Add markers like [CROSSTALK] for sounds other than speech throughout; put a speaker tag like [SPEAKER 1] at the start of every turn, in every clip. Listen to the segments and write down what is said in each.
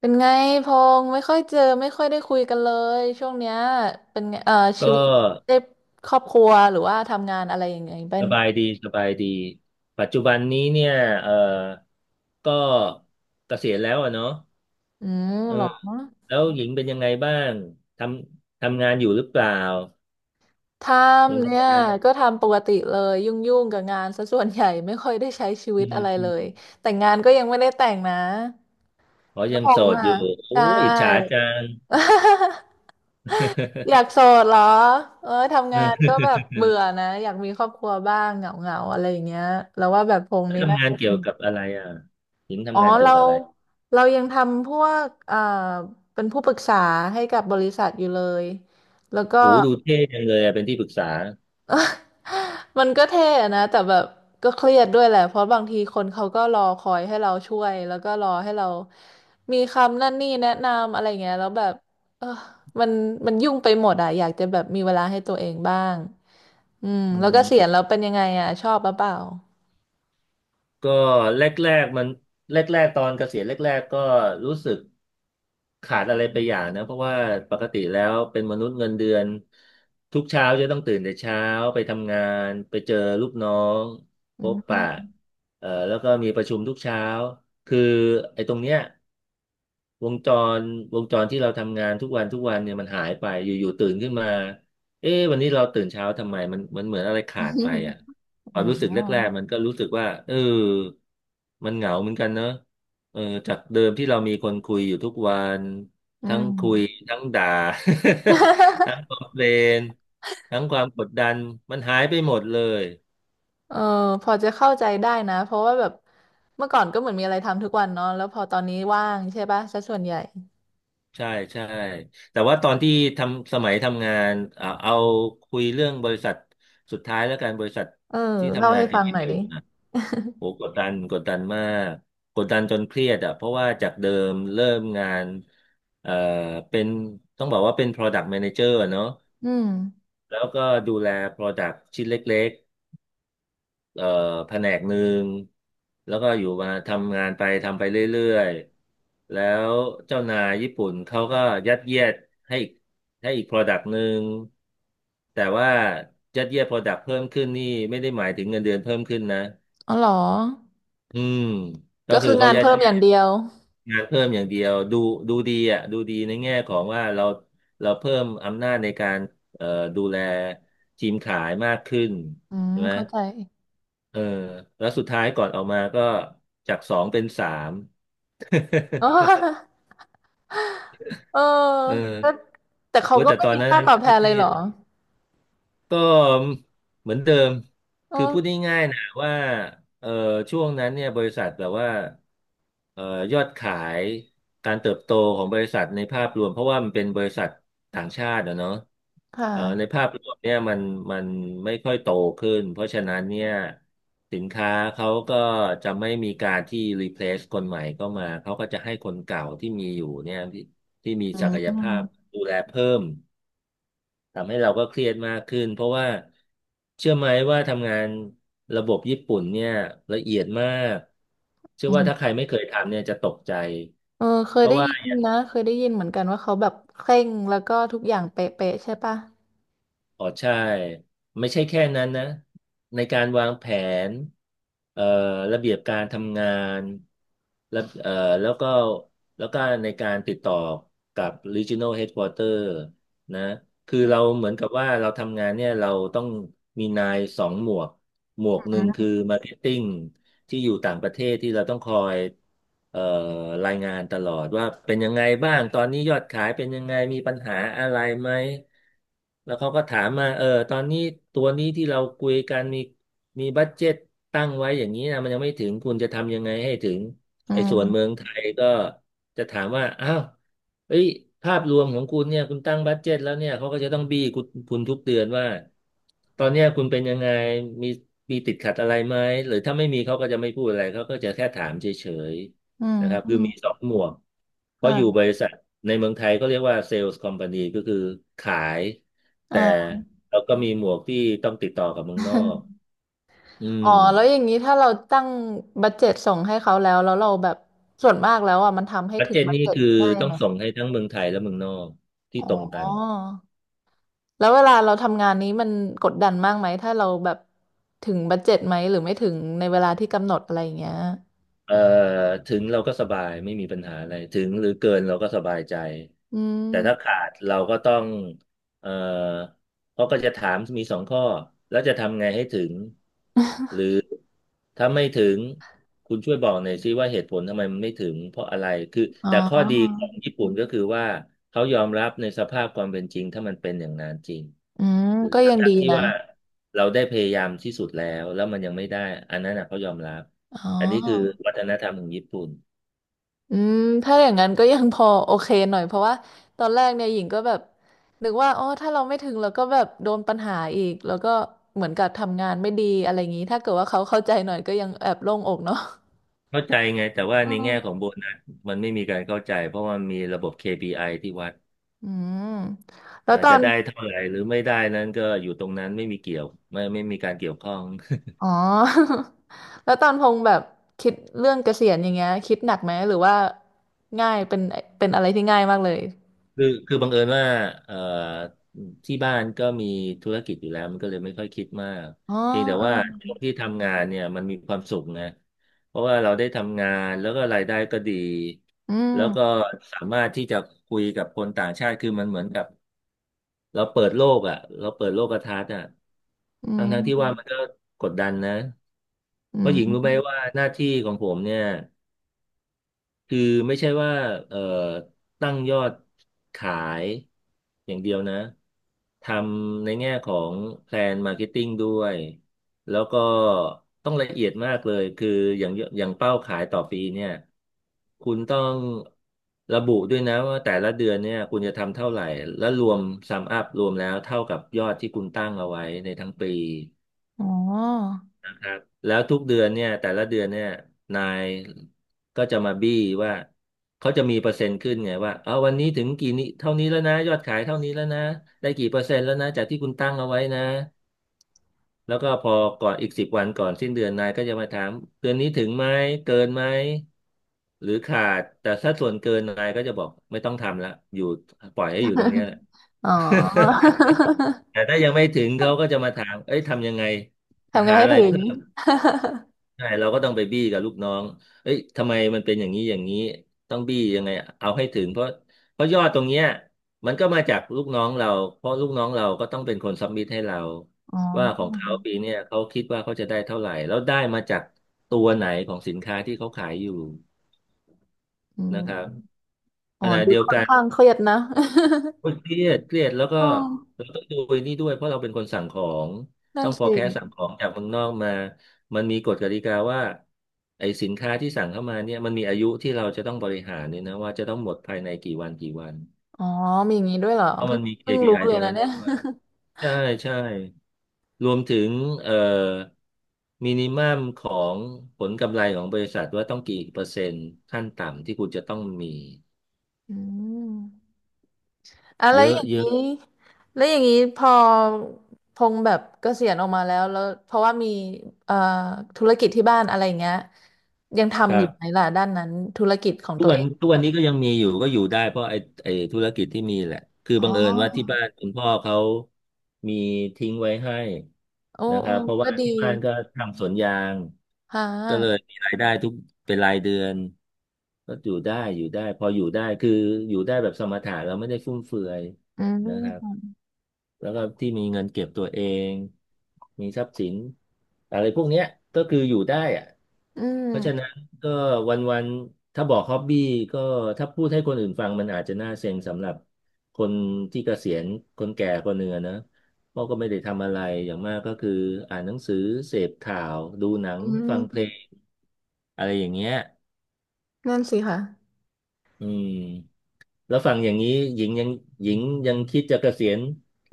[SPEAKER 1] เป็นไงพงษ์ไม่ค่อยเจอไม่ค่อยได้คุยกันเลยช่วงเนี้ยเป็นไง
[SPEAKER 2] ก็
[SPEAKER 1] ชีวิตได้ครอบครัวหรือว่าทำงานอะไรยังไงเป็
[SPEAKER 2] ส
[SPEAKER 1] น
[SPEAKER 2] บายดีสบายดีปัจจุบันนี้เนี่ยเออก็เกษียณแล้วอะเนาะ
[SPEAKER 1] อืม
[SPEAKER 2] เออ
[SPEAKER 1] เหรอ
[SPEAKER 2] แล้วหญิงเป็นยังไงบ้างททำงานอยู่หรือเปล่า
[SPEAKER 1] ท
[SPEAKER 2] ยัง
[SPEAKER 1] ำเนี่ย
[SPEAKER 2] ทำงาน
[SPEAKER 1] ก็ทำปกติเลยยุ่งๆกับงานซะส่วนใหญ่ไม่ค่อยได้ใช้ชีวิ
[SPEAKER 2] อื
[SPEAKER 1] ต
[SPEAKER 2] ม
[SPEAKER 1] อะไร
[SPEAKER 2] อื
[SPEAKER 1] เล
[SPEAKER 2] ม
[SPEAKER 1] ยแต่งงานก็ยังไม่ได้แต่งนะ
[SPEAKER 2] อ๋อ
[SPEAKER 1] แล้ว
[SPEAKER 2] ยัง
[SPEAKER 1] พ
[SPEAKER 2] โส
[SPEAKER 1] งษ์
[SPEAKER 2] ดอ
[SPEAKER 1] อ่ะ
[SPEAKER 2] ยู่โอ้
[SPEAKER 1] ใช
[SPEAKER 2] ยอิจฉา
[SPEAKER 1] ่
[SPEAKER 2] จัง
[SPEAKER 1] [LAUGHS] อยากโสดเหรอเออทำ
[SPEAKER 2] [LAUGHS]
[SPEAKER 1] งา
[SPEAKER 2] เอ
[SPEAKER 1] นก็แบบ
[SPEAKER 2] อ
[SPEAKER 1] เบื่อนะอยากมีครอบครัวบ้างเหงาๆอะไรอย่างเงี้ยแล้วว่าแบบพงษ์
[SPEAKER 2] แล้ว
[SPEAKER 1] นี่น่า
[SPEAKER 2] ทำงาน
[SPEAKER 1] จะ
[SPEAKER 2] เกี่ยวกับอะไรอ่ะหญิง
[SPEAKER 1] อ๋อ
[SPEAKER 2] ทำงานเกี่ย
[SPEAKER 1] เรา
[SPEAKER 2] วกับอะไร
[SPEAKER 1] เรายังทำพวกเป็นผู้ปรึกษาให้กับบริษัทอยู่เลยแล้วก็
[SPEAKER 2] โอ้ดูเท่จังเลยอะเป็นที่ปรึกษา
[SPEAKER 1] [LAUGHS] มันก็เท่อะนะแต่แบบก็เครียดด้วยแหละเพราะบางทีคนเขาก็รอคอยให้เราช่วยแล้วก็รอให้เรามีคำนั่นนี่แนะนำอะไรเงี้ยแล้วแบบเออมันมันยุ่งไปหมดอะอยากจะแบบมีเวลาให้ตัวเองบ้างอืม
[SPEAKER 2] อื
[SPEAKER 1] แล้วก็เสียณ
[SPEAKER 2] ม
[SPEAKER 1] แล้วเป็นยังไงอะชอบหรือเปล่า
[SPEAKER 2] ก็แรกๆมันแรกๆตอนเกษียณแรกๆก็รู้สึก ขาดอะไรไปอย่างนะเพราะว่าปกติแล้วเป็นมนุษย์เงินเดือนทุกเช้าจะต้องตื่นแต่เช้าไปทำงานไปเจอลูกน้อง
[SPEAKER 1] อื
[SPEAKER 2] พบปะ
[SPEAKER 1] ม
[SPEAKER 2] แล้วก็มีประชุมทุกเช้าคือไอ้ตรงเนี้ย วงจรวงจรที่เราทำงานทุกวันทุกวันเนี่ยมันหายไปอยู่ๆตื่นขึ้นมาเอ๊ะวันนี้เราตื่นเช้าทำไมมันเหมือนอะไรขาดไปอ่ะ
[SPEAKER 1] [LAUGHS]
[SPEAKER 2] ค
[SPEAKER 1] อ๋
[SPEAKER 2] วามรู้สึกแรก
[SPEAKER 1] อ
[SPEAKER 2] ๆมันก็รู้สึกว่าเออมันเหงาเหมือนกันเนอะเออจากเดิมที่เรามีคนคุยอยู่ทุกวัน
[SPEAKER 1] อื
[SPEAKER 2] ทั้ง
[SPEAKER 1] ม
[SPEAKER 2] คุยทั้งด่า [LAUGHS] ทั้งคอ
[SPEAKER 1] [LAUGHS]
[SPEAKER 2] มเพลนทั้งความกดดันมันหายไปหมดเลย
[SPEAKER 1] เออพอจะเข้าใจได้นะเพราะว่าแบบเมื่อก่อนก็เหมือนมีอะไรทำทุกวันเนาะแล้วพอตอนนี้ว่างใช่ปะซะส่วนใหญ่
[SPEAKER 2] ใช่ใช่แต่ว่าตอนที่สมัยทำงานอ่าเอาคุยเรื่องบริษัทสุดท้ายแล้วกันบริษัท
[SPEAKER 1] เออ
[SPEAKER 2] ที่
[SPEAKER 1] เล่า
[SPEAKER 2] ทำงา
[SPEAKER 1] ให้
[SPEAKER 2] นกับ
[SPEAKER 1] ฟังห
[SPEAKER 2] ญี่
[SPEAKER 1] น่อย
[SPEAKER 2] ปุ่
[SPEAKER 1] ดิ
[SPEAKER 2] นนะโหกดดันกดดันมากกดดันจนเครียดอ่ะเพราะว่าจากเดิมเริ่มงานเอ่อเป็นต้องบอกว่าเป็น Product Manager อะเนาะ
[SPEAKER 1] อืม
[SPEAKER 2] แล้วก็ดูแล Product ชิ้นเล็ก เอ่อแผนกหนึ่งแล้วก็อยู่มาทำงานไปทำไปเรื่อยๆแล้วเจ้านายญี่ปุ่นเขาก็ยัดเยียดให้อีกให้อีก product หนึ่งแต่ว่ายัดเยียด product เพิ่มขึ้นนี่ไม่ได้หมายถึงเงินเดือนเพิ่มขึ้นนะ
[SPEAKER 1] อ๋อเหรอ
[SPEAKER 2] อืมก็
[SPEAKER 1] ก็
[SPEAKER 2] คือ
[SPEAKER 1] คือ
[SPEAKER 2] เขา
[SPEAKER 1] งาน
[SPEAKER 2] ยัด
[SPEAKER 1] เพิ่มอย่างเดียว
[SPEAKER 2] งานเพิ่มอย่างเดียวดูดีอ่ะดูดีในแง่ของว่าเราเพิ่มอำนาจในการเอ่อดูแลทีมขายมากขึ้น
[SPEAKER 1] อื
[SPEAKER 2] ใช่
[SPEAKER 1] ม่
[SPEAKER 2] ไหม
[SPEAKER 1] เข้าใจ
[SPEAKER 2] เออแล้วสุดท้ายก่อนออกมาก็จากสองเป็นสาม
[SPEAKER 1] อ๋อแต่ [LAUGHS] เออ
[SPEAKER 2] [LAUGHS] เออ
[SPEAKER 1] ก็แต่
[SPEAKER 2] ผม
[SPEAKER 1] เขา
[SPEAKER 2] ว
[SPEAKER 1] ก็
[SPEAKER 2] แต่
[SPEAKER 1] ไม่
[SPEAKER 2] ตอน
[SPEAKER 1] มี
[SPEAKER 2] นั้น
[SPEAKER 1] ค่าตอบแท
[SPEAKER 2] ก็
[SPEAKER 1] น
[SPEAKER 2] เค
[SPEAKER 1] เลย
[SPEAKER 2] รี
[SPEAKER 1] เห
[SPEAKER 2] ย
[SPEAKER 1] ร
[SPEAKER 2] ด
[SPEAKER 1] อ
[SPEAKER 2] ก็เหมือนเดิม
[SPEAKER 1] เอ
[SPEAKER 2] คือพูด
[SPEAKER 1] อ
[SPEAKER 2] ง่ายๆนะว่าเอ่อช่วงนั้นเนี่ยบริษัทแบบว่าเอ่อยอดขายการเติบโตของบริษัทในภาพรวมเพราะว่ามันเป็นบริษัทต่างชาติอะเนาะ
[SPEAKER 1] ค
[SPEAKER 2] เอ่อใน
[SPEAKER 1] ่ะ
[SPEAKER 2] ภาพรวมเนี่ยมันไม่ค่อยโตขึ้นเพราะฉะนั้นเนี่ยสินค้าเขาก็จะไม่มีการที่ replace คนใหม่เข้ามาเขาก็จะให้คนเก่าที่มีอยู่เนี่ยที่มี
[SPEAKER 1] อื
[SPEAKER 2] ศักยภาพ
[SPEAKER 1] ม
[SPEAKER 2] ดูแลเพิ่ม ทำให้เราก็เครียดมากขึ้นเพราะว่าเชื่อไหมว่าทำงานระบบญี่ปุ่นเนี่ยละเอียดมากเชื่อ
[SPEAKER 1] อื
[SPEAKER 2] ว่าถ้าใค
[SPEAKER 1] ม
[SPEAKER 2] รไม่เคยทำเนี่ยจะตกใจ
[SPEAKER 1] เออเค
[SPEAKER 2] เพ
[SPEAKER 1] ย
[SPEAKER 2] ราะ
[SPEAKER 1] ได้
[SPEAKER 2] ว่า
[SPEAKER 1] ยินนะเคยได้ยินเหมือนกันว่าเขาแบบเคร่งแล้วก็ทุกอย่างเป๊ะๆใช่ปะ
[SPEAKER 2] อ๋อใช่ไม่ใช่แค่นั้นนะในการวางแผนเอ่อระเบียบการทำงานแล้วแล้วก็แล้วก็ในการติดต่อกับ Regional Headquarter นะคือเราเหมือนกับว่าเราทำงานเนี่ยเราต้องมีนายสองหมวกหมวกหนึ่งคือมาร์เก็ตติ้งที่อยู่ต่างประเทศที่เราต้องคอยเอ่อรายงานตลอดว่าเป็นยังไงบ้างตอนนี้ยอดขายเป็นยังไงมีปัญหาอะไรไหมแล้วเขาก็ถามมาเออตอนนี้ตัวนี้ที่เราคุยกันมีบัดเจ็ตตั้งไว้อย่างนี้นะมันยังไม่ถึงคุณจะทำยังไงให้ถึง
[SPEAKER 1] อื
[SPEAKER 2] ไอ้ส่วนเมือ
[SPEAKER 1] ม
[SPEAKER 2] งไทยก็จะถามว่าอ้าว เอ้ยภาพรวมของคุณเนี่ยคุณตั้งบัดเจ็ตแล้วเนี่ยเขาก็จะต้องบี้คุณทุกเดือนว่าตอนเนี้ยคุณเป็นยังไงมีมีติดขัดอะไรไหมหรือถ้าไม่มีเขาก็จะไม่พูดอะไรเขาก็จะแค่ถามเฉย
[SPEAKER 1] อืม
[SPEAKER 2] ๆนะครับ
[SPEAKER 1] อื
[SPEAKER 2] คือ
[SPEAKER 1] ม
[SPEAKER 2] มีสองหมวกเพราะอยู่
[SPEAKER 1] ค่
[SPEAKER 2] บริษัทในเมืองไทยก็เรียกว่าเซลส์คอมพานีก็คือขายแต่
[SPEAKER 1] ะ
[SPEAKER 2] เราก็มีหมวกที่ต้องติดต่อกับเมืองนอกอื
[SPEAKER 1] อ๋
[SPEAKER 2] ม
[SPEAKER 1] อแล้วอย่างนี้ถ้าเราตั้งบัดเจ็ตส่งให้เขาแล้วแล้วเราแบบส่วนมากแล้วอ่ะมันทำให้
[SPEAKER 2] บัด
[SPEAKER 1] ถึง
[SPEAKER 2] เจ็ต
[SPEAKER 1] บัด
[SPEAKER 2] นี่
[SPEAKER 1] เจ็ต
[SPEAKER 2] คือ
[SPEAKER 1] ได้
[SPEAKER 2] ต้อ
[SPEAKER 1] ไห
[SPEAKER 2] ง
[SPEAKER 1] ม
[SPEAKER 2] ส่งให้ทั้งเมืองไทยและเมืองนอกที่
[SPEAKER 1] อ๋อ
[SPEAKER 2] ตรงกัน
[SPEAKER 1] แล้วเวลาเราทำงานนี้มันกดดันมากไหมถ้าเราแบบถึงบัดเจ็ตไหมหรือไม่ถึงในเวลาที่กำหนดอะไรอย่างเงี้ย
[SPEAKER 2] เอ่อถึงเราก็สบายไม่มีปัญหาอะไรถึงหรือเกินเราก็สบายใจ
[SPEAKER 1] อื
[SPEAKER 2] แต่ถ้า
[SPEAKER 1] ม
[SPEAKER 2] ขาดเราก็ต้องเอ่อเขาก็จะถามมีสองข้อแล้วจะทำไงให้ถึงหรือถ้าไม่ถึงคุณช่วยบอกหน่อยซิว่าเหตุผลทำไมมันไม่ถึงเพราะอะไรคือ
[SPEAKER 1] อ๋
[SPEAKER 2] แต่ข้อดีข
[SPEAKER 1] อ
[SPEAKER 2] องญี่ปุ่นก็คือว่าเขายอมรับในสภาพความเป็นจริงถ้ามันเป็นอย่างนั้นจริง
[SPEAKER 1] อืมก็ยัง
[SPEAKER 2] ทั้
[SPEAKER 1] ดี
[SPEAKER 2] งๆที่
[SPEAKER 1] นะ
[SPEAKER 2] ว่าเราได้พยายามที่สุดแล้วแล้วมันยังไม่ได้อันนั้นนะเขายอมรับ
[SPEAKER 1] อ๋
[SPEAKER 2] อันนี้คือ
[SPEAKER 1] อ
[SPEAKER 2] วัฒนธรรมของญี่ปุ่น
[SPEAKER 1] อืมถ้าอย่างนั้นก็ยังพอโอเคหน่อยเพราะว่าตอนแรกเนี่ยหญิงก็แบบนึกว่าอ๋อถ้าเราไม่ถึงเราก็แบบโดนปัญหาอีกแล้วก็เหมือนกับทำงานไม่ดีอะไรอย่างนี้ถ้าเกิดว่าเขาเข้าใจหน่อยก็ยังแอบโล่งอกเนาะ
[SPEAKER 2] เข้าใจไงแต่ว่าในแง่ของโบนัสมันไม่มีการเข้าใจเพราะว่ามีระบบ KPI ที่วัด
[SPEAKER 1] อืมแล้วตอ
[SPEAKER 2] จะ
[SPEAKER 1] น
[SPEAKER 2] ได้เท่าไหร่หรือไม่ได้นั้นก็อยู่ตรงนั้นไม่มีเกี่ยวไม่มีการเกี่ยวข้อง [LAUGHS]
[SPEAKER 1] อ๋อ [LAUGHS] แล้วตอนพงแบบคิดเรื่องเกษียณอย่างเงี้ยคิดหนักไหมหรือว่าง่ายเป็นเป็นอะไรที่ง่ายมากเลย
[SPEAKER 2] คือบังเอิญว่าเอ่อที่บ้านก็มีธุรกิจอยู่แล้วมันก็เลยไม่ค่อยคิดมาก
[SPEAKER 1] อ๋อ
[SPEAKER 2] เพียงแต่
[SPEAKER 1] เออ
[SPEAKER 2] ว่าช่วงที่ทำงานเนี่ยมันมีความสุขนะเพราะว่าเราได้ทำงานแล้วก็รายได้ก็ดี
[SPEAKER 1] อื
[SPEAKER 2] แล้วก็
[SPEAKER 1] ม
[SPEAKER 2] สามารถที่จะคุยกับคนต่างชาติคือมันเหมือนกับ เราเปิดโลกอ่ะเราเปิดโลกทัศน์อ่ะ
[SPEAKER 1] อื
[SPEAKER 2] ทั้ง
[SPEAKER 1] ม
[SPEAKER 2] ทั้งที่ว่ามันก็กดดันนะเพ
[SPEAKER 1] อื
[SPEAKER 2] ราะหญิงรู้ไหม
[SPEAKER 1] ม
[SPEAKER 2] ว่าหน้าที่ของผมเนี่ย คือไม่ใช่ว่าเอ่อตั้งยอดขายอย่างเดียวนะทำในแง่ของแพลนมาร์เก็ตติ้งด้วยแล้วก็ต้องละเอียดมากเลยคืออย่างอย่างเป้าขายต่อปีเนี่ยคุณต้องระบุด้วยนะว่าแต่ละเดือนเนี่ยคุณจะทำเท่าไหร่และรวมซัมอัพรวมแล้วเท่ากับยอดที่คุณตั้งเอาไว้ในทั้งปี
[SPEAKER 1] อ๋อ
[SPEAKER 2] ครับแล้วทุกเดือนเนี่ยแต่ละเดือนเนี่ยนายก็จะมาบี้ว่าเขาจะมีเปอร์เซ็นต์ขึ้นไงว่าเอาวันนี้ถึงกี่นี้เท่านี้แล้วนะยอดขายเท่านี้แล้วนะได้กี่เปอร์เซ็นต์แล้วนะจากที่คุณตั้งเอาไว้นะแล้วก็พอก่อนอีก10 วันก่อนสิ้นเดือนนายก็จะมาถามเดือนนี้ถึงไหมเกินไหมหรือขาดแต่ถ้าส่วนเกินนายก็จะบอกไม่ต้องทำละอยู่ปล่อยให้อยู่ตรงเนี้ยแหละ
[SPEAKER 1] อ๋อ
[SPEAKER 2] [LAUGHS]
[SPEAKER 1] [LAUGHS]
[SPEAKER 2] แต่ถ้ายังไม่ถึงเขาก็จะมาถามเอ้ยทำยังไงจะ
[SPEAKER 1] ทำไง
[SPEAKER 2] หา
[SPEAKER 1] ให้
[SPEAKER 2] อะไร
[SPEAKER 1] ถึง
[SPEAKER 2] เพิ่ม ใช่เราก็ต้องไปบี้กับลูกน้องเอ้ยทำไมมันเป็นอย่างนี้อย่างนี้ต้องบี้ยังไงเอาให้ถึงเพราะยอดตรงเนี้ยมันก็มาจากลูกน้องเราเพราะลูกน้องเราก็ต้องเป็นคนซับมิทให้เรา
[SPEAKER 1] [LAUGHS] อ๋อ
[SPEAKER 2] ว่าของเขาปีเนี้ยเขาคิดว่าเขาจะได้เท่าไหร่แล้วได้มาจากตัวไหนของสินค้าที่เขาขายอยู่
[SPEAKER 1] อืม
[SPEAKER 2] นะครับข
[SPEAKER 1] อ๋อ
[SPEAKER 2] ณะ
[SPEAKER 1] ดู
[SPEAKER 2] เดียว
[SPEAKER 1] ค่อน
[SPEAKER 2] กัน
[SPEAKER 1] ข้างเครียดนะ [LAUGHS]
[SPEAKER 2] โอ้ยเครียดเครียดแล้วก็
[SPEAKER 1] อ๋อ
[SPEAKER 2] เราต้องดูไอ้นี่ด้วยเพราะเราเป็นคนสั่งของ
[SPEAKER 1] นั่
[SPEAKER 2] ต้
[SPEAKER 1] น
[SPEAKER 2] อง
[SPEAKER 1] สิ
[SPEAKER 2] forecast สั่งของจากเมืองนอกมามันมีกฎกติกาว่าไอ้สินค้าที่สั่งเข้ามาเนี่ยมันมีอายุที่เราจะต้องบริหารเนี่ยนะว่าจะต้องหมดภายในกี่วันกี่วัน
[SPEAKER 1] อ๋อมีอย่างนี้ด้วยเหรอ
[SPEAKER 2] เพราะ
[SPEAKER 1] เพิ่
[SPEAKER 2] มั
[SPEAKER 1] ง
[SPEAKER 2] นมี
[SPEAKER 1] เพิ่งรู้
[SPEAKER 2] KPI
[SPEAKER 1] เล
[SPEAKER 2] ต
[SPEAKER 1] ย
[SPEAKER 2] รง
[SPEAKER 1] นะ
[SPEAKER 2] นั้น
[SPEAKER 1] เนี่ย
[SPEAKER 2] ด้วย
[SPEAKER 1] [LAUGHS]
[SPEAKER 2] ใช่ใช่รวมถึงเอ่อมินิมัมของผลกำไรของบริษัทว่าต้องกี่เปอร์เซ็นต์ขั้นต่ำที่คุณจะต้องมี
[SPEAKER 1] อืมอะไร
[SPEAKER 2] เย
[SPEAKER 1] อ
[SPEAKER 2] อะ
[SPEAKER 1] ย่าง
[SPEAKER 2] เยอะ
[SPEAKER 1] นี้แล้วอย่างนี้พอพงษ์แบบเกษียณออกมาแล้วแล้วเพราะว่ามีเอ่อธุรกิจที่บ้านอะไรอย่างเงี้ยยัง
[SPEAKER 2] ค
[SPEAKER 1] ทำอ
[SPEAKER 2] รั
[SPEAKER 1] ยู่ไหม
[SPEAKER 2] บ
[SPEAKER 1] ล่ะด้านนั้นธุรกิจของ
[SPEAKER 2] ทุ
[SPEAKER 1] ตั
[SPEAKER 2] ก
[SPEAKER 1] ว
[SPEAKER 2] วั
[SPEAKER 1] เอ
[SPEAKER 2] น
[SPEAKER 1] ง
[SPEAKER 2] ทุกวันนี้ก็ยังมีอยู่ก็อยู่ได้เพราะไอ้ธุรกิจที่มีแหละคือ
[SPEAKER 1] อ๋
[SPEAKER 2] บังเอิญว่าที่
[SPEAKER 1] อ
[SPEAKER 2] บ้านคุณพ่อเขามีทิ้งไว้ให้
[SPEAKER 1] โอ้
[SPEAKER 2] นะค
[SPEAKER 1] โอ้
[SPEAKER 2] รับเพราะ
[SPEAKER 1] ก็
[SPEAKER 2] ว่า
[SPEAKER 1] ดี
[SPEAKER 2] ที่บ้านก็ทำสวนยาง
[SPEAKER 1] ค่
[SPEAKER 2] ก็เลย
[SPEAKER 1] ะ
[SPEAKER 2] มีรายได้ทุกเป็นรายเดือนก็อยู่ได้อยู่ได้พออยู่ได้คืออยู่ได้แบบสมถะเราไม่ได้ฟุ่มเฟือย
[SPEAKER 1] อื
[SPEAKER 2] นะครับ
[SPEAKER 1] ม
[SPEAKER 2] แล้วก็ที่มีเงินเก็บตัวเอง มีทรัพย์สินอะไรพวกเนี้ยก็คืออยู่ได้อะ
[SPEAKER 1] อืม
[SPEAKER 2] เพราะฉะนั้นก็วันๆ ถ้าบอกฮ็อบบี้ก็ถ้าพูดให้คนอื่นฟังมันอาจจะน่าเซ็งสำหรับคนที่เกษียณคนแก่คนหนึ่งอะนะเพราะก็ไม่ได้ทำอะไรอย่างมากก็คืออ่านหนังสือเสพข่าวดูหนัง
[SPEAKER 1] อื
[SPEAKER 2] ฟังเพล
[SPEAKER 1] ม
[SPEAKER 2] งอะไรอย่างเงี้ย
[SPEAKER 1] นั่นสิค่ะ
[SPEAKER 2] อืม แล้วฟังอย่างนี้หญิงยังหญิงยังคิดจะเกษียณ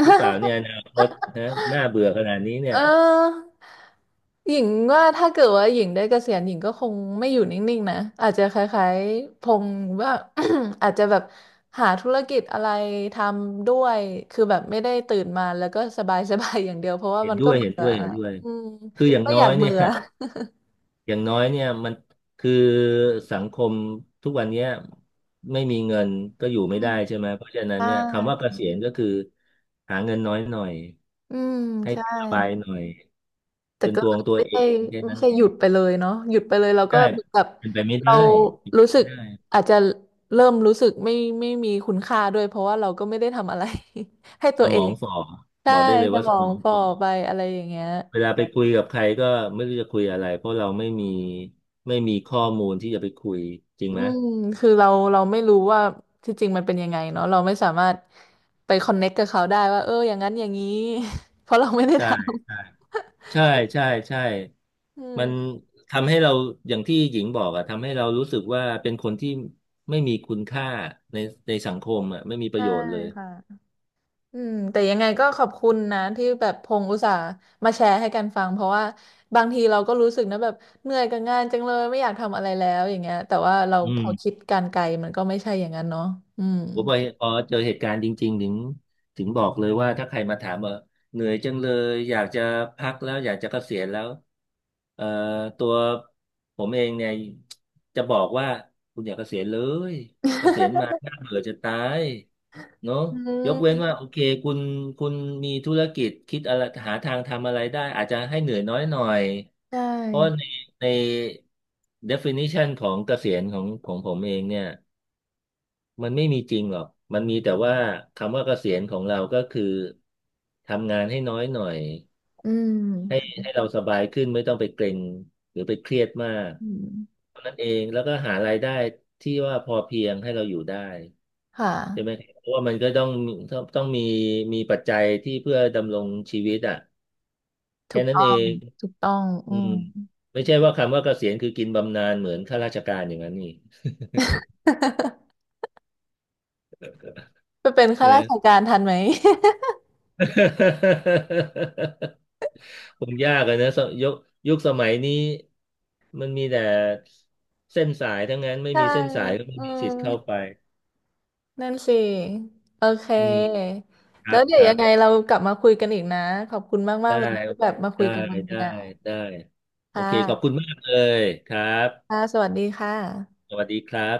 [SPEAKER 2] หรือเปล่าเนี่ยอนาคตนะน่าเบื่อขนาดนี้เนี่
[SPEAKER 1] เ
[SPEAKER 2] ย
[SPEAKER 1] ออหญิงว่าถ้าเกิดว่าหญิงได้เกษียณหญิงก็คงไม่อยู่นิ่งๆนะอาจจะคล้ายๆพงษ์ว่า [COUGHS] อาจจะแบบหาธุรกิจอะไรทำด้วยคือแบบไม่ได้ตื่นมาแล้วก็สบายๆ [LAUGHS] อย่างเดียวเพราะว่า
[SPEAKER 2] เห็น
[SPEAKER 1] มัน
[SPEAKER 2] ด้
[SPEAKER 1] ก็
[SPEAKER 2] วย
[SPEAKER 1] เบื่
[SPEAKER 2] เห็น
[SPEAKER 1] อ
[SPEAKER 2] ด้วยเห็นด้วย
[SPEAKER 1] อืม
[SPEAKER 2] คืออย่าง
[SPEAKER 1] ก็
[SPEAKER 2] น้
[SPEAKER 1] อ
[SPEAKER 2] อ
[SPEAKER 1] ยา
[SPEAKER 2] ย
[SPEAKER 1] ก
[SPEAKER 2] เนี่
[SPEAKER 1] เบื่
[SPEAKER 2] ย
[SPEAKER 1] อ
[SPEAKER 2] [LAUGHS] อย่างน้อยเนี่ยมันคือสังคมทุกวันเนี้ยไม่มีเงินก็อยู่
[SPEAKER 1] อื
[SPEAKER 2] ไม่ได้
[SPEAKER 1] ม
[SPEAKER 2] ใช่ไหมเพราะฉะนั้น
[SPEAKER 1] ใช่
[SPEAKER 2] เนี่ยคำว่าเกษียณก็คือหาเงินน้อยหน่อย
[SPEAKER 1] อืม
[SPEAKER 2] ให้
[SPEAKER 1] ใช่
[SPEAKER 2] สบายหน่อย
[SPEAKER 1] แต่
[SPEAKER 2] เป็น
[SPEAKER 1] ก็
[SPEAKER 2] ตัวของตัว
[SPEAKER 1] ไม่
[SPEAKER 2] เอ
[SPEAKER 1] ใช่
[SPEAKER 2] งแค่
[SPEAKER 1] ไม่
[SPEAKER 2] นั้น
[SPEAKER 1] ใช่
[SPEAKER 2] เอ
[SPEAKER 1] ห
[SPEAKER 2] ง
[SPEAKER 1] ยุดไปเลยเนาะหยุดไปเลยเราก็
[SPEAKER 2] ใช่
[SPEAKER 1] เหมือนกับ
[SPEAKER 2] เป็นไปไม่
[SPEAKER 1] เรา
[SPEAKER 2] ได้เป็น
[SPEAKER 1] รู้
[SPEAKER 2] ไป
[SPEAKER 1] สึ
[SPEAKER 2] ไม่
[SPEAKER 1] ก
[SPEAKER 2] ได้
[SPEAKER 1] อาจจะเริ่มรู้สึกไม่ไม่มีคุณค่าด้วยเพราะว่าเราก็ไม่ได้ทำอะไร [LAUGHS] ให้ตั
[SPEAKER 2] ส
[SPEAKER 1] วเอ
[SPEAKER 2] มอ
[SPEAKER 1] ง
[SPEAKER 2] งฝ่อบ
[SPEAKER 1] ใช่
[SPEAKER 2] อกได้เลย
[SPEAKER 1] ส
[SPEAKER 2] ว่า
[SPEAKER 1] ม
[SPEAKER 2] ส
[SPEAKER 1] อ
[SPEAKER 2] ม
[SPEAKER 1] ง
[SPEAKER 2] อง
[SPEAKER 1] ฝ่อ
[SPEAKER 2] ฝ่อ
[SPEAKER 1] ไปอะไรอย่างเงี้ย
[SPEAKER 2] เวลาไปคุยกับใครก็ไม่รู้จะคุยอะไรเพราะเราไม่มีไม่มีข้อมูลที่จะไปคุยจริง
[SPEAKER 1] อื
[SPEAKER 2] ไหม
[SPEAKER 1] มคือเราเราไม่รู้ว่าที่จริงมันเป็นยังไงเนาะเราไม่สามารถไปคอนเน็กกับเขาได้ว่าเอออย่างนั้นอย่างนี้ [LAUGHS] เพราะเราไม่ได้ทำ
[SPEAKER 2] ใช่ใช่ใช่ใช่
[SPEAKER 1] [LAUGHS] อืม
[SPEAKER 2] มันทำให้เราอย่างที่หญิงบอกอะทำให้เรารู้สึกว่าเป็นคนที่ไม่มีคุณค่าในในสังคมอะไม่มีประ
[SPEAKER 1] ใช่
[SPEAKER 2] โยชน์เลย
[SPEAKER 1] ค่ะ อืมแต่ยังไงก็ขอบคุณนะที่แบบพงอุตส่าห์มาแชร์ให้กันฟังเพราะว่าบางทีเราก็รู้สึกนะแบบเหนื่อยกับงานจังเลยไม่อยากทำอะไรแล้วอย่างเงี้ยแต่ว่าเรา
[SPEAKER 2] อื
[SPEAKER 1] พอคิ
[SPEAKER 2] ม
[SPEAKER 1] ดการไกลมันก็ไม่ใช่อย่างนั้นเนาะอืม
[SPEAKER 2] ผมพอเจอเหตุการณ์จริงๆถึงบอกเลยว่าถ้าใครมาถามว่าเหนื่อยจังเลยอยากจะพักแล้วอยากจะเกษียณแล้วเอ่อตัวผมเองเนี่ยจะบอกว่าคุณอย่าเกษียณเลยเกษียณมาน่าเบื่อจะตายเนอะ
[SPEAKER 1] อื
[SPEAKER 2] ยกเว้นว่า
[SPEAKER 1] ม
[SPEAKER 2] โอเคคุณคุณมีธุรกิจคิดอะไรหาทางทำอะไรได้อาจจะให้เหนื่อยน้อยหน่อย
[SPEAKER 1] [LAUGHS] ใช่
[SPEAKER 2] เพราะว่าใน definition ของเกษียณของผมเองเนี่ย มันไม่มีจริงหรอกมันมีแต่ว่าคำว่าเกษียณของเราก็คือทำงานให้น้อยหน่อย
[SPEAKER 1] อื
[SPEAKER 2] ให้
[SPEAKER 1] ม
[SPEAKER 2] ให้เราสบายขึ้นไม่ต้องไปเกร็งหรือไปเครียดมาก
[SPEAKER 1] อืม
[SPEAKER 2] เท่านั้นเองแล้วก็หารายได้ที่ว่าพอเพียงให้เราอยู่ได้
[SPEAKER 1] ค่ะ
[SPEAKER 2] ใช่ไหมเพราะว่ามันก็ต้องต้องมีมีปัจจัยที่เพื่อดำรงชีวิตอ่ะ
[SPEAKER 1] ถู
[SPEAKER 2] แค่
[SPEAKER 1] ก
[SPEAKER 2] นั้น
[SPEAKER 1] ต้อ
[SPEAKER 2] เอ
[SPEAKER 1] ง
[SPEAKER 2] ง
[SPEAKER 1] ถูกต้องอื
[SPEAKER 2] อืม
[SPEAKER 1] ม
[SPEAKER 2] ไม่ใช่ว่าคำว่าเกษียณคือกินบำนาญเหมือนข้าราชการอย่างนั้นนี่
[SPEAKER 1] [LAUGHS] ไปเป็นข้าราช
[SPEAKER 2] นะ
[SPEAKER 1] การทันไหม
[SPEAKER 2] [LAUGHS] คงยากอะนะสยุคยุคสมัยนี้มันมีแต่เส้นสายทั้งนั้น
[SPEAKER 1] [LAUGHS]
[SPEAKER 2] ไม่
[SPEAKER 1] ใช่
[SPEAKER 2] มีเส้นสายก็ไม่
[SPEAKER 1] อื
[SPEAKER 2] มีสิ
[SPEAKER 1] ม
[SPEAKER 2] ทธิ์เข้าไป
[SPEAKER 1] นั่นสิ โอเค
[SPEAKER 2] อืมครั
[SPEAKER 1] แล้ว
[SPEAKER 2] บ
[SPEAKER 1] เดี๋
[SPEAKER 2] ค
[SPEAKER 1] ยว
[SPEAKER 2] รั
[SPEAKER 1] ยั
[SPEAKER 2] บ
[SPEAKER 1] งไงเรากลับมาคุยกันอีกนะ ขอบคุณมา
[SPEAKER 2] ได้
[SPEAKER 1] กๆเลย
[SPEAKER 2] ได้
[SPEAKER 1] ที่แบบมาคุ
[SPEAKER 2] ได
[SPEAKER 1] ยกันวันนี้
[SPEAKER 2] ้
[SPEAKER 1] นะ
[SPEAKER 2] ได้โอ
[SPEAKER 1] ค่
[SPEAKER 2] เคขอบคุณ
[SPEAKER 1] ะ
[SPEAKER 2] มากเลยครับ
[SPEAKER 1] ค่ะสวัสดีค่ะ
[SPEAKER 2] สวัสดีครับ